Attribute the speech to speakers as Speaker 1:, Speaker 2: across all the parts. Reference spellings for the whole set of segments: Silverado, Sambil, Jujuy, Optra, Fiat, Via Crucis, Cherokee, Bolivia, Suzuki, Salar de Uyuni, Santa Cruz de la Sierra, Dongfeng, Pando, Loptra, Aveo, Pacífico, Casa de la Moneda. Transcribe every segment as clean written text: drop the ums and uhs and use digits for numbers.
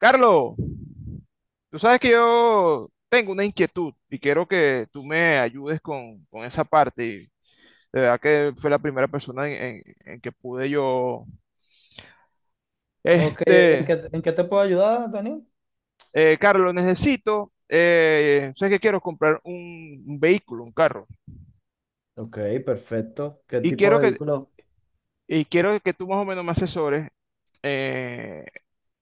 Speaker 1: Carlos, tú sabes que yo tengo una inquietud y quiero que tú me ayudes con esa parte. Y de verdad que fue la primera persona en que pude yo.
Speaker 2: Ok, ¿en
Speaker 1: Este,
Speaker 2: qué, en qué te puedo ayudar, Daniel?
Speaker 1: Carlos, sé que quiero comprar un vehículo, un carro,
Speaker 2: Ok, perfecto. ¿Qué
Speaker 1: y
Speaker 2: tipo
Speaker 1: quiero
Speaker 2: de
Speaker 1: que,
Speaker 2: vehículo?
Speaker 1: y quiero que tú más o menos me asesores eh,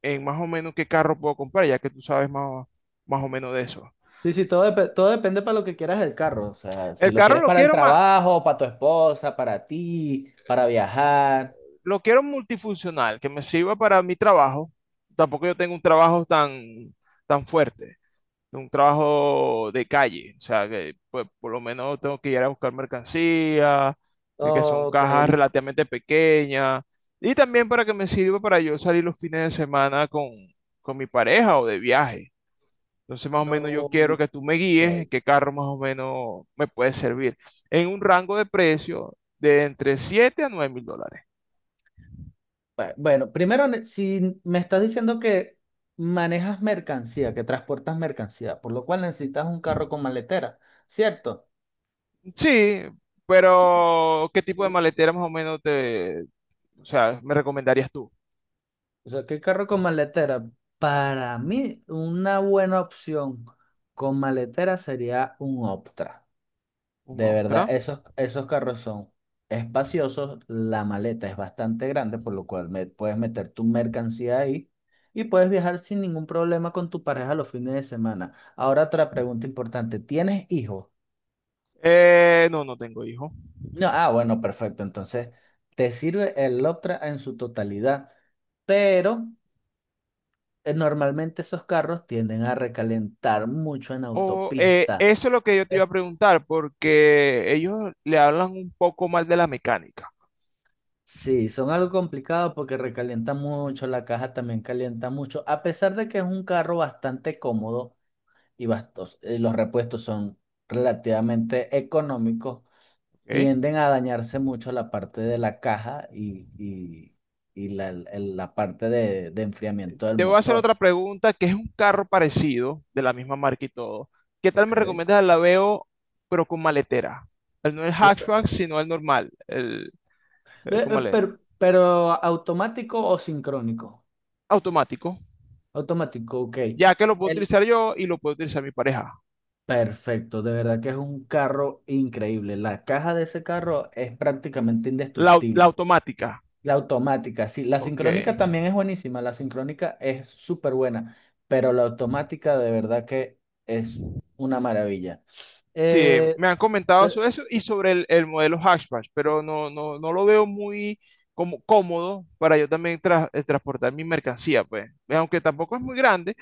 Speaker 1: en más o menos qué carro puedo comprar, ya que tú sabes más o menos de eso.
Speaker 2: Sí, sí, todo, todo depende para lo que quieras el carro. O sea,
Speaker 1: El
Speaker 2: si lo
Speaker 1: carro
Speaker 2: quieres para el trabajo, para tu esposa, para ti, para viajar.
Speaker 1: lo quiero multifuncional, que me sirva para mi trabajo. Tampoco yo tengo un trabajo tan fuerte, un trabajo de calle. O sea, que pues, por lo menos tengo que ir a buscar mercancía, que son
Speaker 2: Ok,
Speaker 1: cajas relativamente pequeñas. Y también para que me sirva para yo salir los fines de semana con mi pareja o de viaje. Entonces, más o menos yo quiero
Speaker 2: no.
Speaker 1: que tú me guíes en
Speaker 2: Ok.
Speaker 1: qué carro más o menos me puede servir. En un rango de precio de entre $7.000 a $9.000.
Speaker 2: Bueno, primero, si me estás diciendo que manejas mercancía, que transportas mercancía, por lo cual necesitas un carro con maletera, ¿cierto?
Speaker 1: Sí, pero ¿qué tipo de maletera más o menos o sea, me recomendarías tú?
Speaker 2: O sea, ¿qué carro con maletera? Para mí, una buena opción con maletera sería un Optra.
Speaker 1: ¿Un
Speaker 2: De verdad,
Speaker 1: Octra?
Speaker 2: esos carros son espaciosos, la maleta es bastante grande, por lo cual puedes meter tu mercancía ahí y puedes viajar sin ningún problema con tu pareja los fines de semana. Ahora otra pregunta importante, ¿tienes hijos?
Speaker 1: No, no tengo hijo.
Speaker 2: No, ah, bueno, perfecto. Entonces, te sirve el Optra en su totalidad, pero... Normalmente esos carros tienden a recalentar mucho en autopista.
Speaker 1: Eso es lo que yo te iba a
Speaker 2: Es-
Speaker 1: preguntar, porque ellos le hablan un poco mal de la mecánica,
Speaker 2: sí, son algo complicado porque recalientan mucho, la caja también calienta mucho, a pesar de que es un carro bastante cómodo y los repuestos son relativamente económicos,
Speaker 1: ¿ok?
Speaker 2: tienden a dañarse mucho la parte de la caja y la parte de enfriamiento del
Speaker 1: Te voy a hacer
Speaker 2: motor.
Speaker 1: otra pregunta, que es un carro parecido, de la misma marca y todo. ¿Qué tal me
Speaker 2: Ok.
Speaker 1: recomiendas el Laveo, pero con maletera? No el
Speaker 2: La-
Speaker 1: hatchback, sino el normal, el ¿cómo le?
Speaker 2: pero automático o sincrónico.
Speaker 1: Automático,
Speaker 2: Automático, ok.
Speaker 1: ya que lo puedo
Speaker 2: El
Speaker 1: utilizar yo y lo puedo utilizar mi pareja.
Speaker 2: Perfecto, de verdad que es un carro increíble. La caja de ese carro es prácticamente
Speaker 1: La
Speaker 2: indestructible.
Speaker 1: automática.
Speaker 2: La automática, sí, la
Speaker 1: Ok.
Speaker 2: sincrónica también es buenísima, la sincrónica es súper buena, pero la automática de verdad que es una maravilla.
Speaker 1: Sí,
Speaker 2: Eh,
Speaker 1: me han
Speaker 2: eh,
Speaker 1: comentado sobre eso y sobre el modelo hatchback, pero no lo veo muy como cómodo para yo también transportar mi mercancía, pues. Aunque tampoco es muy grande,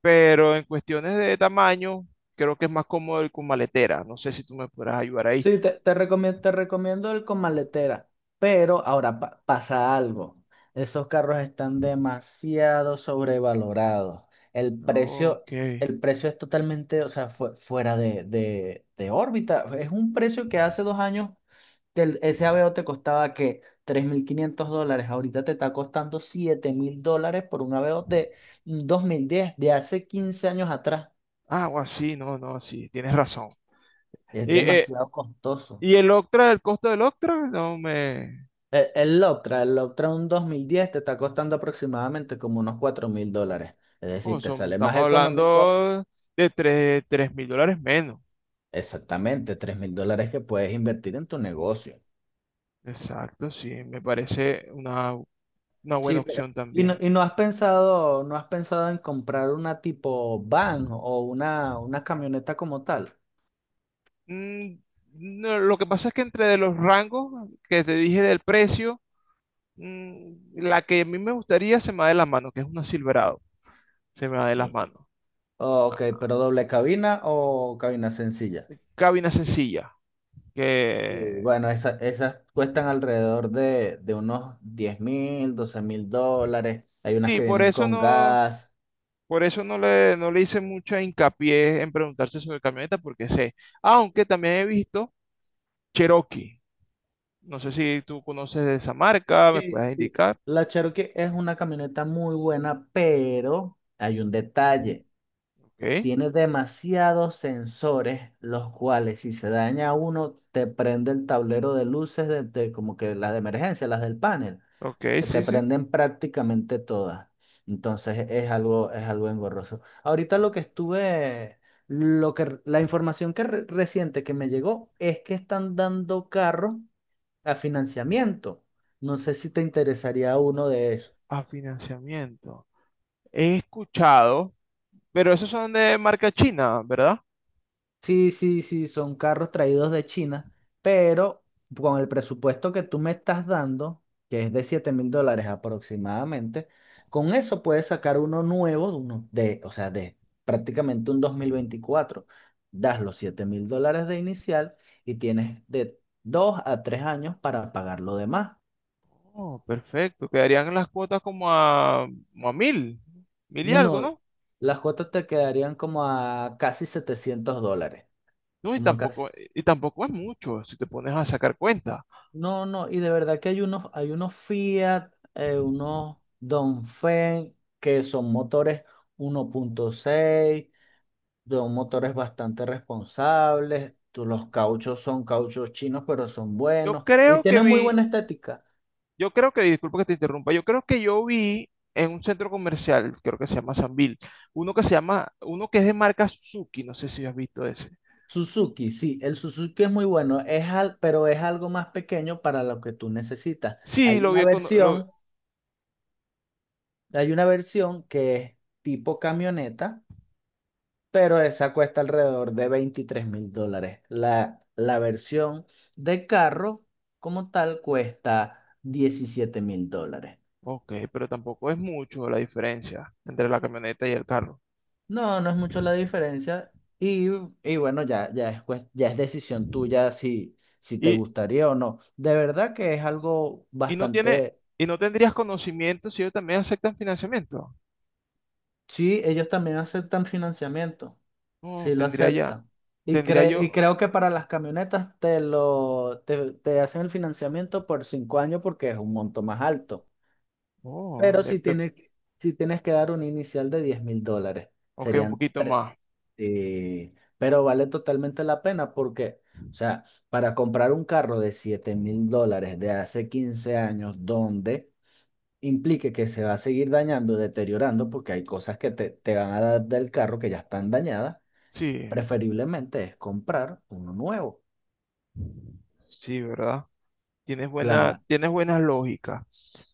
Speaker 1: pero en cuestiones de tamaño, creo que es más cómodo el con maletera. No sé si tú me podrás ayudar ahí.
Speaker 2: Sí, te recomiendo el con maletera, pero ahora pasa algo. Esos carros están demasiado sobrevalorados. El precio,
Speaker 1: Ok.
Speaker 2: el precio es totalmente, o sea, fuera de órbita. Es un precio que hace 2 años ese Aveo te costaba que $3.500. Ahorita te está costando $7.000 por un Aveo de 2010 de hace 15 años atrás.
Speaker 1: Ah, o así, no, no, sí, tienes razón.
Speaker 2: Es
Speaker 1: Y, eh,
Speaker 2: demasiado costoso.
Speaker 1: ¿Y el Octra, el costo del Octra? No me...
Speaker 2: El Loptra un 2010 te está costando aproximadamente como unos $4.000. Es
Speaker 1: Oh,
Speaker 2: decir, te
Speaker 1: son-
Speaker 2: sale más
Speaker 1: estamos
Speaker 2: económico
Speaker 1: hablando de $3.000 menos.
Speaker 2: exactamente $3.000 que puedes invertir en tu negocio.
Speaker 1: Exacto, sí, me parece una buena
Speaker 2: Sí, pero...
Speaker 1: opción
Speaker 2: ¿Y no,
Speaker 1: también.
Speaker 2: no has pensado en comprar una tipo van o una camioneta como tal?
Speaker 1: Mm, no, lo que pasa es que entre de los rangos que te dije del precio, mm, la que a mí me gustaría se me va de las manos, que es una Silverado, se me va de
Speaker 2: Mm.
Speaker 1: las manos.
Speaker 2: Ok, pero doble cabina o cabina sencilla.
Speaker 1: Cabina sencilla,
Speaker 2: Sí,
Speaker 1: que
Speaker 2: bueno, esas cuestan alrededor de unos 10.000, $12.000. Hay unas
Speaker 1: sí,
Speaker 2: que vienen con gas.
Speaker 1: por eso no no le hice mucha hincapié en preguntarse sobre camioneta, porque sé, aunque también he visto Cherokee. No sé si tú conoces de esa marca, me
Speaker 2: Sí,
Speaker 1: puedes
Speaker 2: sí.
Speaker 1: indicar.
Speaker 2: La Cherokee es una camioneta muy buena, pero hay un detalle.
Speaker 1: Ok,
Speaker 2: Tiene demasiados sensores, los cuales si se daña uno, te prende el tablero de luces de como que las de emergencia, las del panel.
Speaker 1: ok,
Speaker 2: Se te
Speaker 1: sí, sí.
Speaker 2: prenden prácticamente todas. Entonces es algo engorroso. Ahorita lo que estuve, lo que, la información que reciente que me llegó es que están dando carro a financiamiento. No sé si te interesaría uno de esos.
Speaker 1: A financiamiento. He escuchado, pero esos son de marca china, ¿verdad?
Speaker 2: Sí, sí, sí, son carros traídos de China, pero con el presupuesto que tú me estás dando, que es de $7.000 aproximadamente, con eso puedes sacar uno nuevo, uno de, o sea, de prácticamente un 2024. Das los $7.000 de inicial y tienes de 2 a 3 años para pagar lo demás.
Speaker 1: Oh, perfecto. Quedarían las cuotas como como a 1.000, mil y algo,
Speaker 2: No,
Speaker 1: ¿no?
Speaker 2: las cuotas te quedarían como a casi $700.
Speaker 1: No,
Speaker 2: Como acá. se-
Speaker 1: y tampoco es mucho si te pones a sacar cuenta.
Speaker 2: No, no, y de verdad que hay unos Fiat, unos Dongfeng, que son motores 1.6, son motores bastante responsables. Los cauchos son cauchos chinos, pero son
Speaker 1: Yo
Speaker 2: buenos y
Speaker 1: creo que
Speaker 2: tienen muy
Speaker 1: vi
Speaker 2: buena estética.
Speaker 1: Yo creo que, disculpa que te interrumpa, yo creo que yo vi en un centro comercial, creo que se llama Sambil, uno que es de marca Suzuki, no sé si has visto ese.
Speaker 2: Suzuki, sí, el Suzuki es muy bueno, pero es algo más pequeño para lo que tú necesitas.
Speaker 1: Sí,
Speaker 2: Hay
Speaker 1: lo
Speaker 2: una
Speaker 1: vi con, lo-
Speaker 2: versión, hay una versión que es tipo camioneta, pero esa cuesta alrededor de $23.000. La versión de carro como tal cuesta $17.000.
Speaker 1: Ok, pero tampoco es mucho la diferencia entre la camioneta y el carro.
Speaker 2: No, no es mucho la diferencia y, y bueno, ya es decisión tuya si te
Speaker 1: Y,
Speaker 2: gustaría o no. De verdad que es algo
Speaker 1: y no tiene,
Speaker 2: bastante.
Speaker 1: y no tendrías conocimiento si ellos también aceptan financiamiento.
Speaker 2: Sí, ellos también aceptan financiamiento.
Speaker 1: No,
Speaker 2: Sí, lo
Speaker 1: tendría ya,
Speaker 2: acepta.
Speaker 1: tendría
Speaker 2: Y
Speaker 1: yo,
Speaker 2: creo que para las camionetas te hacen el financiamiento por 5 años porque es un monto más alto.
Speaker 1: oh,
Speaker 2: Pero
Speaker 1: me-
Speaker 2: si
Speaker 1: me-
Speaker 2: tienes, si tienes que dar un inicial de $10.000,
Speaker 1: Ok, un
Speaker 2: serían
Speaker 1: poquito
Speaker 2: tres.
Speaker 1: más.
Speaker 2: Sí, pero vale totalmente la pena porque, o sea, para comprar un carro de $7.000 de hace 15 años, donde implique que se va a seguir dañando, deteriorando, porque hay cosas que te van a dar del carro que ya están dañadas.
Speaker 1: Sí,
Speaker 2: Preferiblemente es comprar uno nuevo.
Speaker 1: sí, ¿verdad?
Speaker 2: Cla-
Speaker 1: Tienes buena lógica.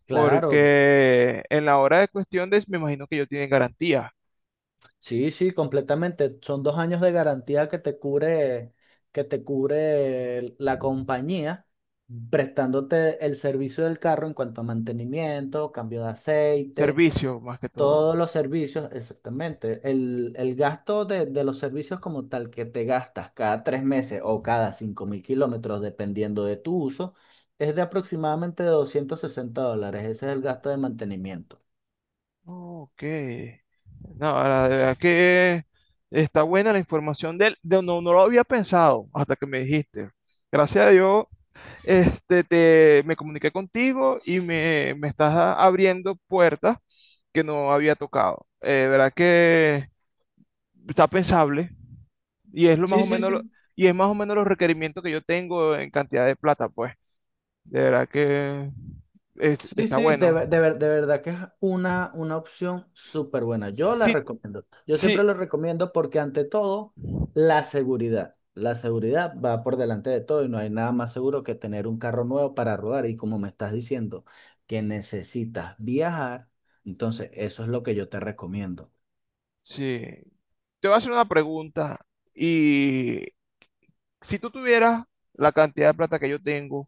Speaker 2: claro,
Speaker 1: Porque en la hora de cuestiones me imagino que ellos tienen garantía,
Speaker 2: sí, sí, completamente. Son 2 años de garantía que te cubre la compañía prestándote el servicio del carro en cuanto a mantenimiento, cambio de aceite.
Speaker 1: servicio más que todo.
Speaker 2: Todos los servicios, exactamente. El gasto de los servicios como tal que te gastas cada 3 meses o cada 5.000 kilómetros, dependiendo de tu uso, es de aproximadamente $260. Ese es el gasto de mantenimiento.
Speaker 1: Oh, ok. No, la verdad que está buena la información no, no lo había pensado hasta que me dijiste. Gracias a Dios, me comuniqué contigo y me estás abriendo puertas que no había tocado. Verdad que está pensable y es lo más
Speaker 2: Sí,
Speaker 1: o
Speaker 2: sí,
Speaker 1: menos lo-
Speaker 2: sí.
Speaker 1: Y es más o menos los requerimientos que yo tengo en cantidad de plata, pues. De verdad que
Speaker 2: Sí,
Speaker 1: está
Speaker 2: sí, de,
Speaker 1: bueno.
Speaker 2: ver- de, ver- de verdad que es una opción súper buena. Yo la
Speaker 1: Sí,
Speaker 2: recomiendo. Yo
Speaker 1: sí,
Speaker 2: siempre la recomiendo porque ante todo, la seguridad. La seguridad va por delante de todo y no hay nada más seguro que tener un carro nuevo para rodar. Y como me estás diciendo que necesitas viajar, entonces eso es lo que yo te recomiendo.
Speaker 1: sí. Te voy a hacer una pregunta. Y si tú tuvieras la cantidad de plata que yo tengo,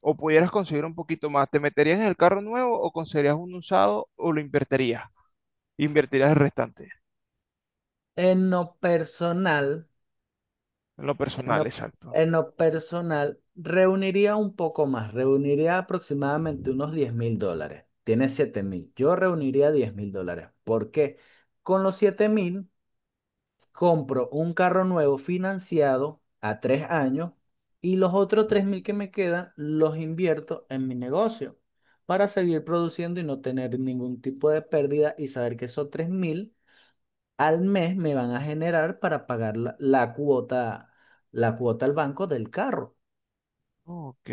Speaker 1: o pudieras conseguir un poquito más, ¿te meterías en el carro nuevo o conseguirías un usado o lo invertirías? Invertirías el restante.
Speaker 2: En lo personal.
Speaker 1: En lo
Speaker 2: En
Speaker 1: personal,
Speaker 2: lo,
Speaker 1: exacto.
Speaker 2: en lo personal, reuniría un poco más, reuniría aproximadamente unos $10.000. Tiene 7.000. Yo reuniría $10.000. ¿Por qué? Con los 7.000 compro un carro nuevo financiado a 3 años y los otros 3.000 que me quedan los invierto en mi negocio para seguir produciendo y no tener ningún tipo de pérdida y saber que esos 3.000 al mes me van a generar para pagar la cuota al banco del carro.
Speaker 1: Ok,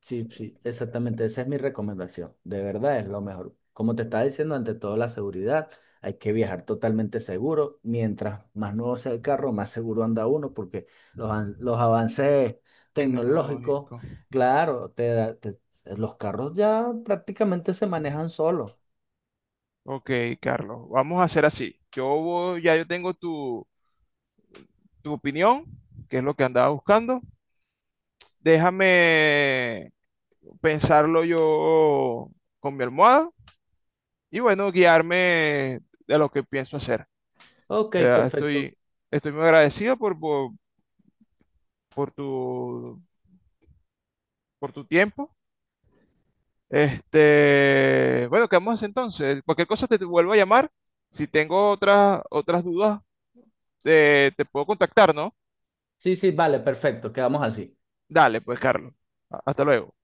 Speaker 2: Sí, sí, exactamente, esa es mi recomendación. De verdad es lo mejor. Como te estaba diciendo, ante todo la seguridad, hay que viajar totalmente seguro. Mientras más nuevo sea el carro, más seguro anda uno, porque los avances tecnológicos,
Speaker 1: tecnológico.
Speaker 2: claro, los carros ya prácticamente se manejan solos.
Speaker 1: Ok, Carlos, vamos a hacer así. Ya yo tengo tu opinión, que es lo que andaba buscando. Déjame pensarlo yo con mi almohada y bueno, guiarme de lo que pienso hacer.
Speaker 2: Ok,
Speaker 1: Eh,
Speaker 2: perfecto.
Speaker 1: estoy, estoy muy agradecido por por tu tiempo. Este, bueno, quedamos así entonces. Cualquier cosa te vuelvo a llamar. Si tengo otras dudas, te puedo contactar, ¿no?
Speaker 2: Sí, sí, vale, perfecto, quedamos así.
Speaker 1: Dale, pues, Carlos. Hasta luego.